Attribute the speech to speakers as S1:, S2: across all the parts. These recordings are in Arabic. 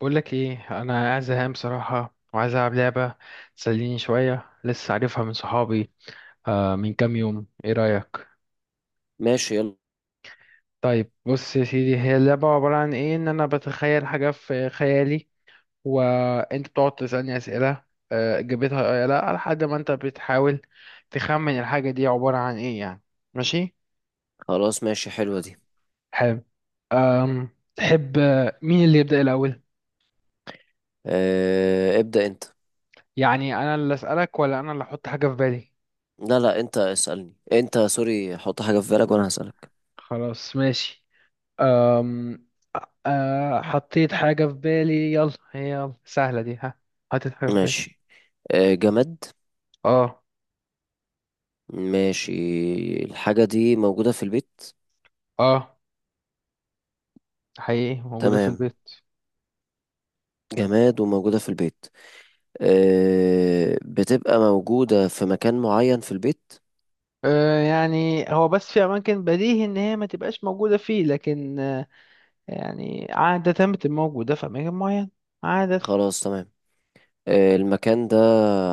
S1: بقول لك ايه، انا قاعد زهقان بصراحه وعايز العب لعبه تسليني شويه. لسه عارفها من صحابي آه من كام يوم. ايه رايك؟
S2: ماشي، يلا.
S1: طيب بص يا سيدي، هي اللعبه عباره عن ايه؟ ان انا بتخيل حاجه في خيالي وانت بتقعد تسالني اسئله. اجابتها آه يا لا لحد ما انت بتحاول تخمن الحاجه دي عباره عن ايه يعني. ماشي.
S2: خلاص ماشي، حلوة دي.
S1: حلو. أم تحب، مين اللي يبدا الاول؟
S2: آه، ابدأ انت.
S1: يعني انا اللي اسالك ولا انا اللي احط حاجه في بالي؟
S2: لا، انت اسألني انت، سوري، حط حاجة في بالك وانا هسألك.
S1: خلاص ماشي. آه حطيت حاجة في بالي، يلا هي يلا سهلة دي، ها؟ حطيت حاجة في بالي.
S2: ماشي. آه، جماد.
S1: اه.
S2: ماشي. الحاجة دي موجودة في البيت.
S1: اه حقيقي موجودة في
S2: تمام،
S1: البيت.
S2: جماد وموجودة في البيت. آه، بتبقى موجودة في مكان معين في البيت.
S1: آه يعني هو بس في أماكن بديهي إن هي ما تبقاش موجودة فيه، لكن آه يعني عادة بتبقى موجودة في أماكن معينة، عادة.
S2: خلاص تمام. آه، المكان ده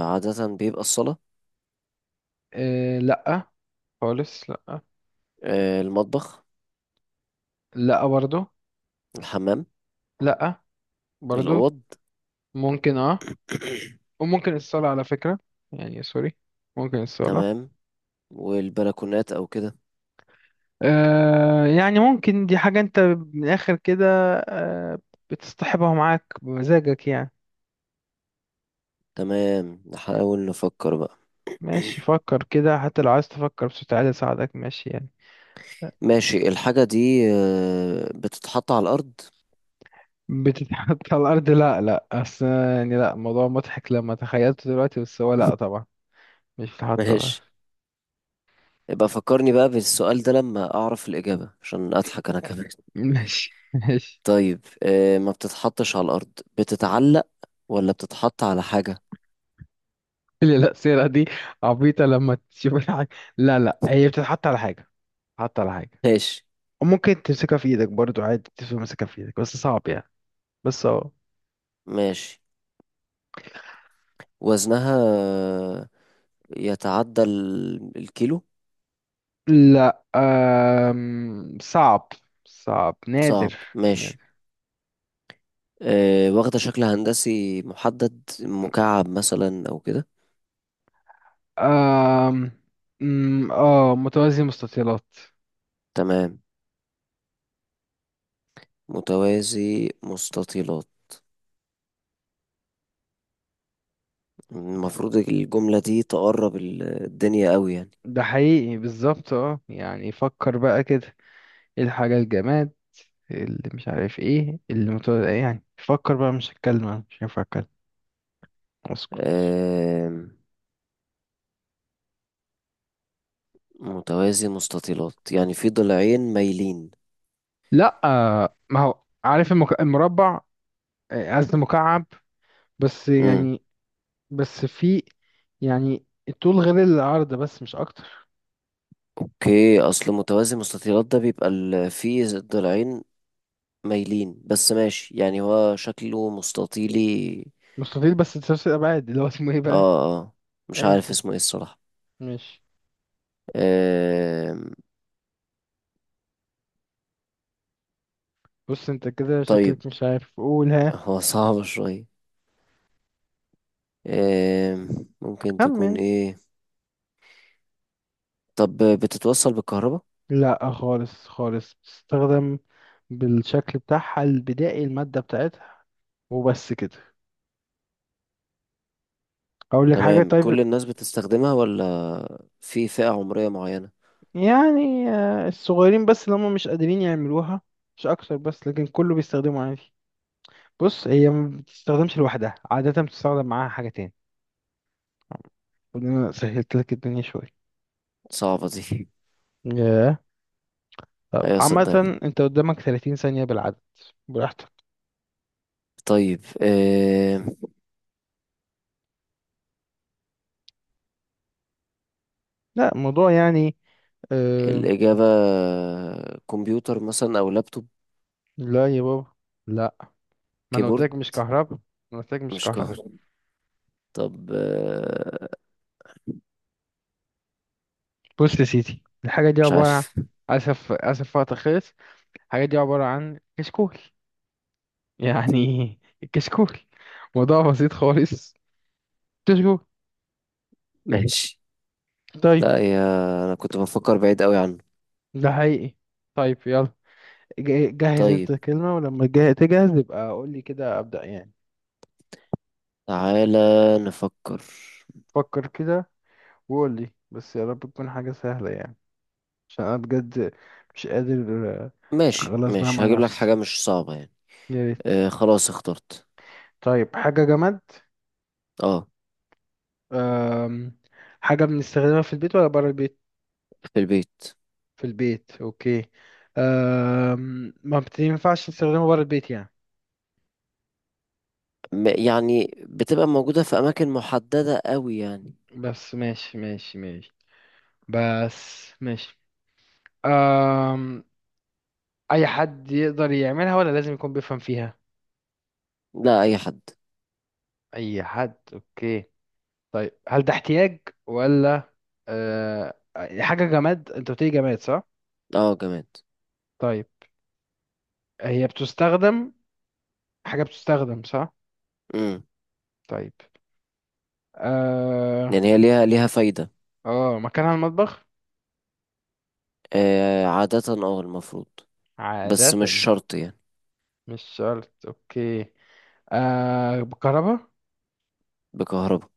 S2: عادة بيبقى الصالة.
S1: آه لأ، خالص لأ.
S2: آه، المطبخ.
S1: لأ برضو.
S2: الحمام.
S1: لأ برضو.
S2: الأوض.
S1: ممكن اه. وممكن الصالة على فكرة، يعني سوري، ممكن الصالة.
S2: تمام، والبلكونات أو كده.
S1: آه يعني ممكن دي حاجة انت، من الآخر كده، آه بتصطحبها معاك بمزاجك يعني.
S2: تمام، نحاول نفكر بقى.
S1: ماشي، فكر كده، حتى لو عايز تفكر بصوت عالي أساعدك، ماشي يعني.
S2: ماشي، الحاجة دي بتتحط على الأرض.
S1: بتتحط على الأرض؟ لا لا، أصل يعني لا الموضوع مضحك لما تخيلته دلوقتي، بس هو لا طبعا مش بتتحط على الأرض.
S2: ماشي، يبقى فكرني بقى بالسؤال ده لما أعرف الإجابة عشان أضحك أنا كمان.
S1: ماشي ماشي.
S2: طيب ما بتتحطش على الأرض، بتتعلق ولا بتتحط على حاجة؟
S1: اللي لا سيرة دي، عبيطة لما تشوف الحاجة. لا لا، هي بتتحط على حاجة، بتتحط على حاجة.
S2: ماشي.
S1: وممكن تمسكها في ايدك برضو عادي، تمسكها في ايدك بس صعب يعني، بس اهو.
S2: ماشي، وزنها يتعدى الكيلو.
S1: لا صعب، صعب
S2: صعب،
S1: نادر.
S2: ماشي.
S1: نادر.
S2: واخدة شكل هندسي محدد، مكعب مثلا أو كده؟
S1: أم... أم، اه متوازي مستطيلات.
S2: تمام، متوازي مستطيلات. المفروض الجملة دي تقرب الدنيا قوي يعني.
S1: ده حقيقي بالظبط. اه يعني فكر بقى كده، ايه الحاجة الجماد اللي مش عارف ايه اللي متوازي يعني. فكر بقى، مش هتكلم، أنا مش هينفع اتكلم، اسكت.
S2: آم، متوازي مستطيلات يعني في ضلعين مايلين.
S1: لا ما هو عارف المك... المربع، قصدي مكعب، بس
S2: امم
S1: يعني بس في يعني الطول غير العرض بس مش اكتر.
S2: اوكي، اصل متوازي مستطيلات ده بيبقى في ضلعين مايلين، بس ماشي يعني هو شكله مستطيلي.
S1: مستطيل بس تشوش الأبعاد، اللي هو اسمه ايه بقى؟
S2: اه، مش
S1: أيا
S2: عارف
S1: كان،
S2: اسمه ايه الصراحة.
S1: ماشي.
S2: آم،
S1: بص انت كده
S2: طيب،
S1: شكلك مش عارف، قولها.
S2: هو صعب شوية. آم، ممكن تكون
S1: خمن.
S2: ايه؟ طب بتتوصل بالكهرباء؟
S1: لا خالص خالص، بتستخدم بالشكل بتاعها البدائي، المادة بتاعتها وبس كده. أقول لك حاجة
S2: تمام.
S1: طيب.
S2: كل الناس بتستخدمها ولا في فئة عمرية معينة؟
S1: يعني الصغيرين بس اللي هم مش قادرين يعملوها، مش أكتر، بس لكن كله بيستخدمه عادي. بص، هي ما بتستخدمش لوحدها عادة، بتستخدم معاها حاجة تاني. المفروض إن أنا سهلت لك الدنيا شوية.
S2: صعبة دي.
S1: ياه. طب
S2: ايوه صدقني.
S1: عامة انت قدامك 30 ثانية بالعدد، براحتك.
S2: طيب آه،
S1: لا الموضوع يعني اه.
S2: الإجابة كمبيوتر مثلا أو لابتوب؟
S1: لا يا بابا، لا، ما انا قلت
S2: كيبورد.
S1: لك مش كهرباء. ما انا قلت لك مش
S2: مش
S1: كهرباء.
S2: قهر. طب آه،
S1: بص يا سيدي، الحاجة دي
S2: مش
S1: عبارة عن،
S2: عارف.
S1: اسف اسف وقت خلص. الحاجة دي عبارة عن كشكول، يعني كشكول. موضوع بسيط خالص، كشكول.
S2: ماشي.
S1: طيب،
S2: لا يا، أنا كنت بفكر بعيد قوي عنه.
S1: ده حقيقي. طيب يلا، جهز
S2: طيب،
S1: انت كلمة ولما تجهز يبقى قول لي كده ابدأ يعني.
S2: تعالى نفكر.
S1: فكر كده وقول لي، بس يا رب تكون حاجة سهلة يعني، عشان انا بجد مش قادر.
S2: ماشي
S1: خلاص بقى
S2: ماشي،
S1: مع
S2: هجيب لك
S1: نفسي.
S2: حاجة مش صعبة يعني.
S1: يا ريت.
S2: آه خلاص، اخترت.
S1: طيب، حاجة جماد.
S2: اه.
S1: أم... حاجة بنستخدمها في البيت ولا برا البيت؟
S2: في البيت.
S1: في البيت اوكي. ما بتنفعش نستخدمها برا البيت يعني،
S2: م- يعني بتبقى موجودة في أماكن محددة قوي يعني.
S1: بس ماشي ماشي ماشي. بس ماشي. أم... اي حد يقدر يعملها ولا لازم يكون بيفهم فيها؟
S2: لا، اي حد.
S1: اي حد اوكي. طيب، هل ده احتياج ولا أه... حاجة جماد؟ انت بتقولي جماد صح؟
S2: اه جماد.
S1: طيب، هي بتستخدم، حاجة بتستخدم صح؟
S2: امم
S1: طيب اه
S2: يعني هي ليها فايدة.
S1: اه، مكانها المطبخ
S2: آه عادة، اه المفروض، بس
S1: عادة،
S2: مش شرط يعني.
S1: مش شرط اوكي. آه بكهرباء.
S2: بكهرباء.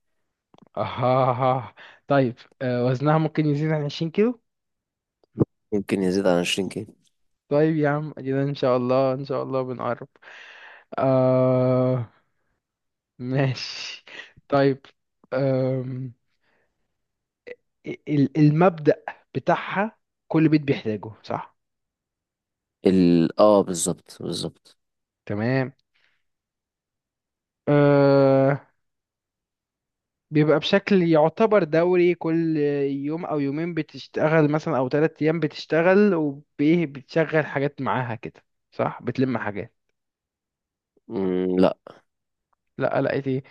S1: اه. طيب، آه وزنها ممكن يزيد عن 20 كيلو؟
S2: ممكن يزيد عن 20 كيلو.
S1: طيب يا عم ادينا، ان شاء الله ان شاء الله بنقرب. آه، ماشي. طيب، آم، المبدأ بتاعها كل بيت بيحتاجه صح؟
S2: ال اه بالظبط بالظبط.
S1: تمام. آه، بيبقى بشكل يعتبر دوري، كل يوم او يومين بتشتغل مثلا او ثلاث ايام بتشتغل، وبيه بتشغل حاجات معاها كده صح؟ بتلم حاجات؟
S2: لا.
S1: لا، لقيت ايه؟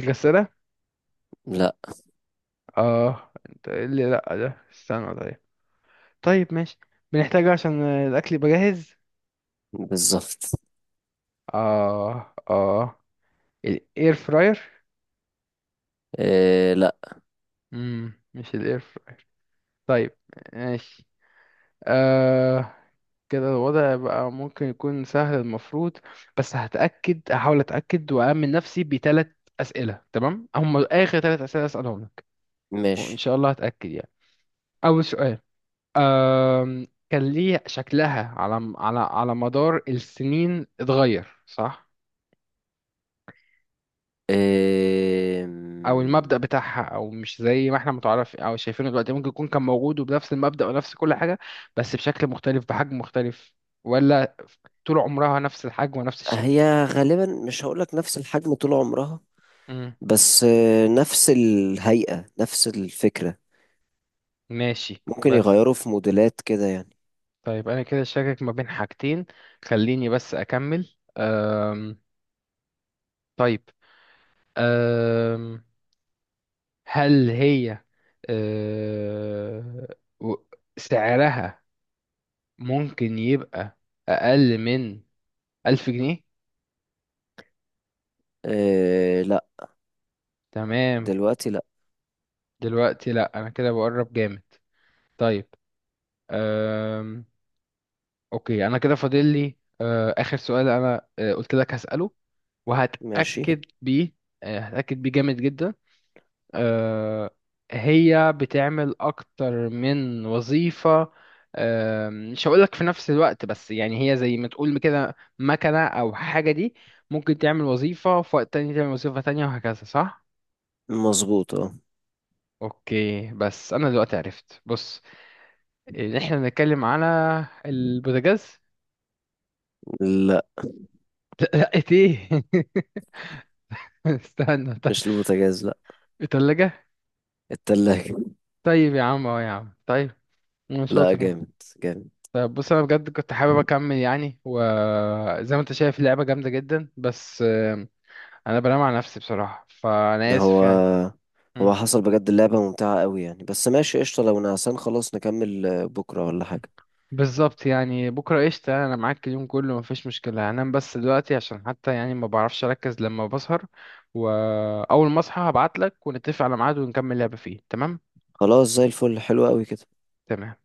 S1: الغسالة.
S2: لا،
S1: اه انت إيه اللي لا ده، استنى طيب. طيب ماشي. بنحتاجه عشان الاكل يبقى جاهز.
S2: بالظبط.
S1: اه اه الاير فراير.
S2: آه لا.
S1: مش الاير فراير. طيب ماشي. آه. كده الوضع بقى ممكن يكون سهل المفروض، بس هتأكد، هحاول أتأكد وأأمن نفسي بثلاث أسئلة. تمام، هم آخر ثلاث أسئلة أسألهم لك، وإن
S2: ماشي.
S1: شاء الله هتأكد يعني. أول سؤال، كان ليه شكلها على على على مدار السنين اتغير صح؟
S2: آه،
S1: أو المبدأ بتاعها؟ أو مش زي ما احنا متعرف أو شايفينه دلوقتي، ممكن يكون كان موجود وبنفس المبدأ ونفس كل حاجة بس بشكل مختلف بحجم مختلف؟ ولا طول عمرها نفس الحجم ونفس الشكل؟
S2: هي غالبا مش هقولك نفس الحجم طول عمرها،
S1: مم.
S2: بس آه نفس الهيئة نفس الفكرة.
S1: ماشي
S2: ممكن
S1: بس.
S2: يغيروا في موديلات كده يعني.
S1: طيب انا كده شاكك ما بين حاجتين، خليني بس اكمل. طيب. أم... هل هي أه... و- سعرها ممكن يبقى اقل من 1000 جنيه؟
S2: آه لا
S1: تمام.
S2: دلوقتي.
S1: دلوقتي لا، انا كده بقرب جامد. طيب. أم... اوكي انا كده فاضل لي اخر سؤال، انا قلت لك هسأله
S2: ماشي.
S1: وهتأكد بيه، هتأكد بيه جامد جدا. آه، هي بتعمل أكتر من وظيفة، مش هقولك في نفس الوقت بس يعني، هي زي ما تقول كده مكنة أو حاجة دي، ممكن تعمل وظيفة في وقت تاني تعمل وظيفة تانية وهكذا صح؟
S2: مظبوط اه.
S1: أوكي، بس أنا دلوقتي عرفت بص، إن إحنا بنتكلم على البوتاجاز.
S2: لا
S1: لقيت إيه؟ استنى طيب.
S2: مش البوتاجاز، لا.
S1: التلاجة.
S2: التلاجة.
S1: طيب يا عم، أه يا عم طيب، أنا
S2: لا
S1: شاطر أهو.
S2: جامد، جامد.
S1: طيب بص، انا بجد كنت حابب اكمل يعني، وزي ما انت شايف اللعبه جامده جدا، بس انا بنام على نفسي بصراحه فانا
S2: ما
S1: اسف
S2: هو
S1: يعني.
S2: هو
S1: مم.
S2: حصل بجد، اللعبة ممتعة قوي يعني، بس ماشي قشطة، لو نعسان خلاص نكمل بكرة ولا حاجة.
S1: بالظبط يعني، بكره قشطه، انا معاك اليوم كله مفيش مشكله، هنام بس دلوقتي عشان حتى يعني ما بعرفش اركز لما بسهر. واول ما اصحى هبعت لك ونتفق على ميعاد ونكمل لعبه فيه، تمام.
S2: خلاص، زي الفل، حلو قوي كده.
S1: تمام.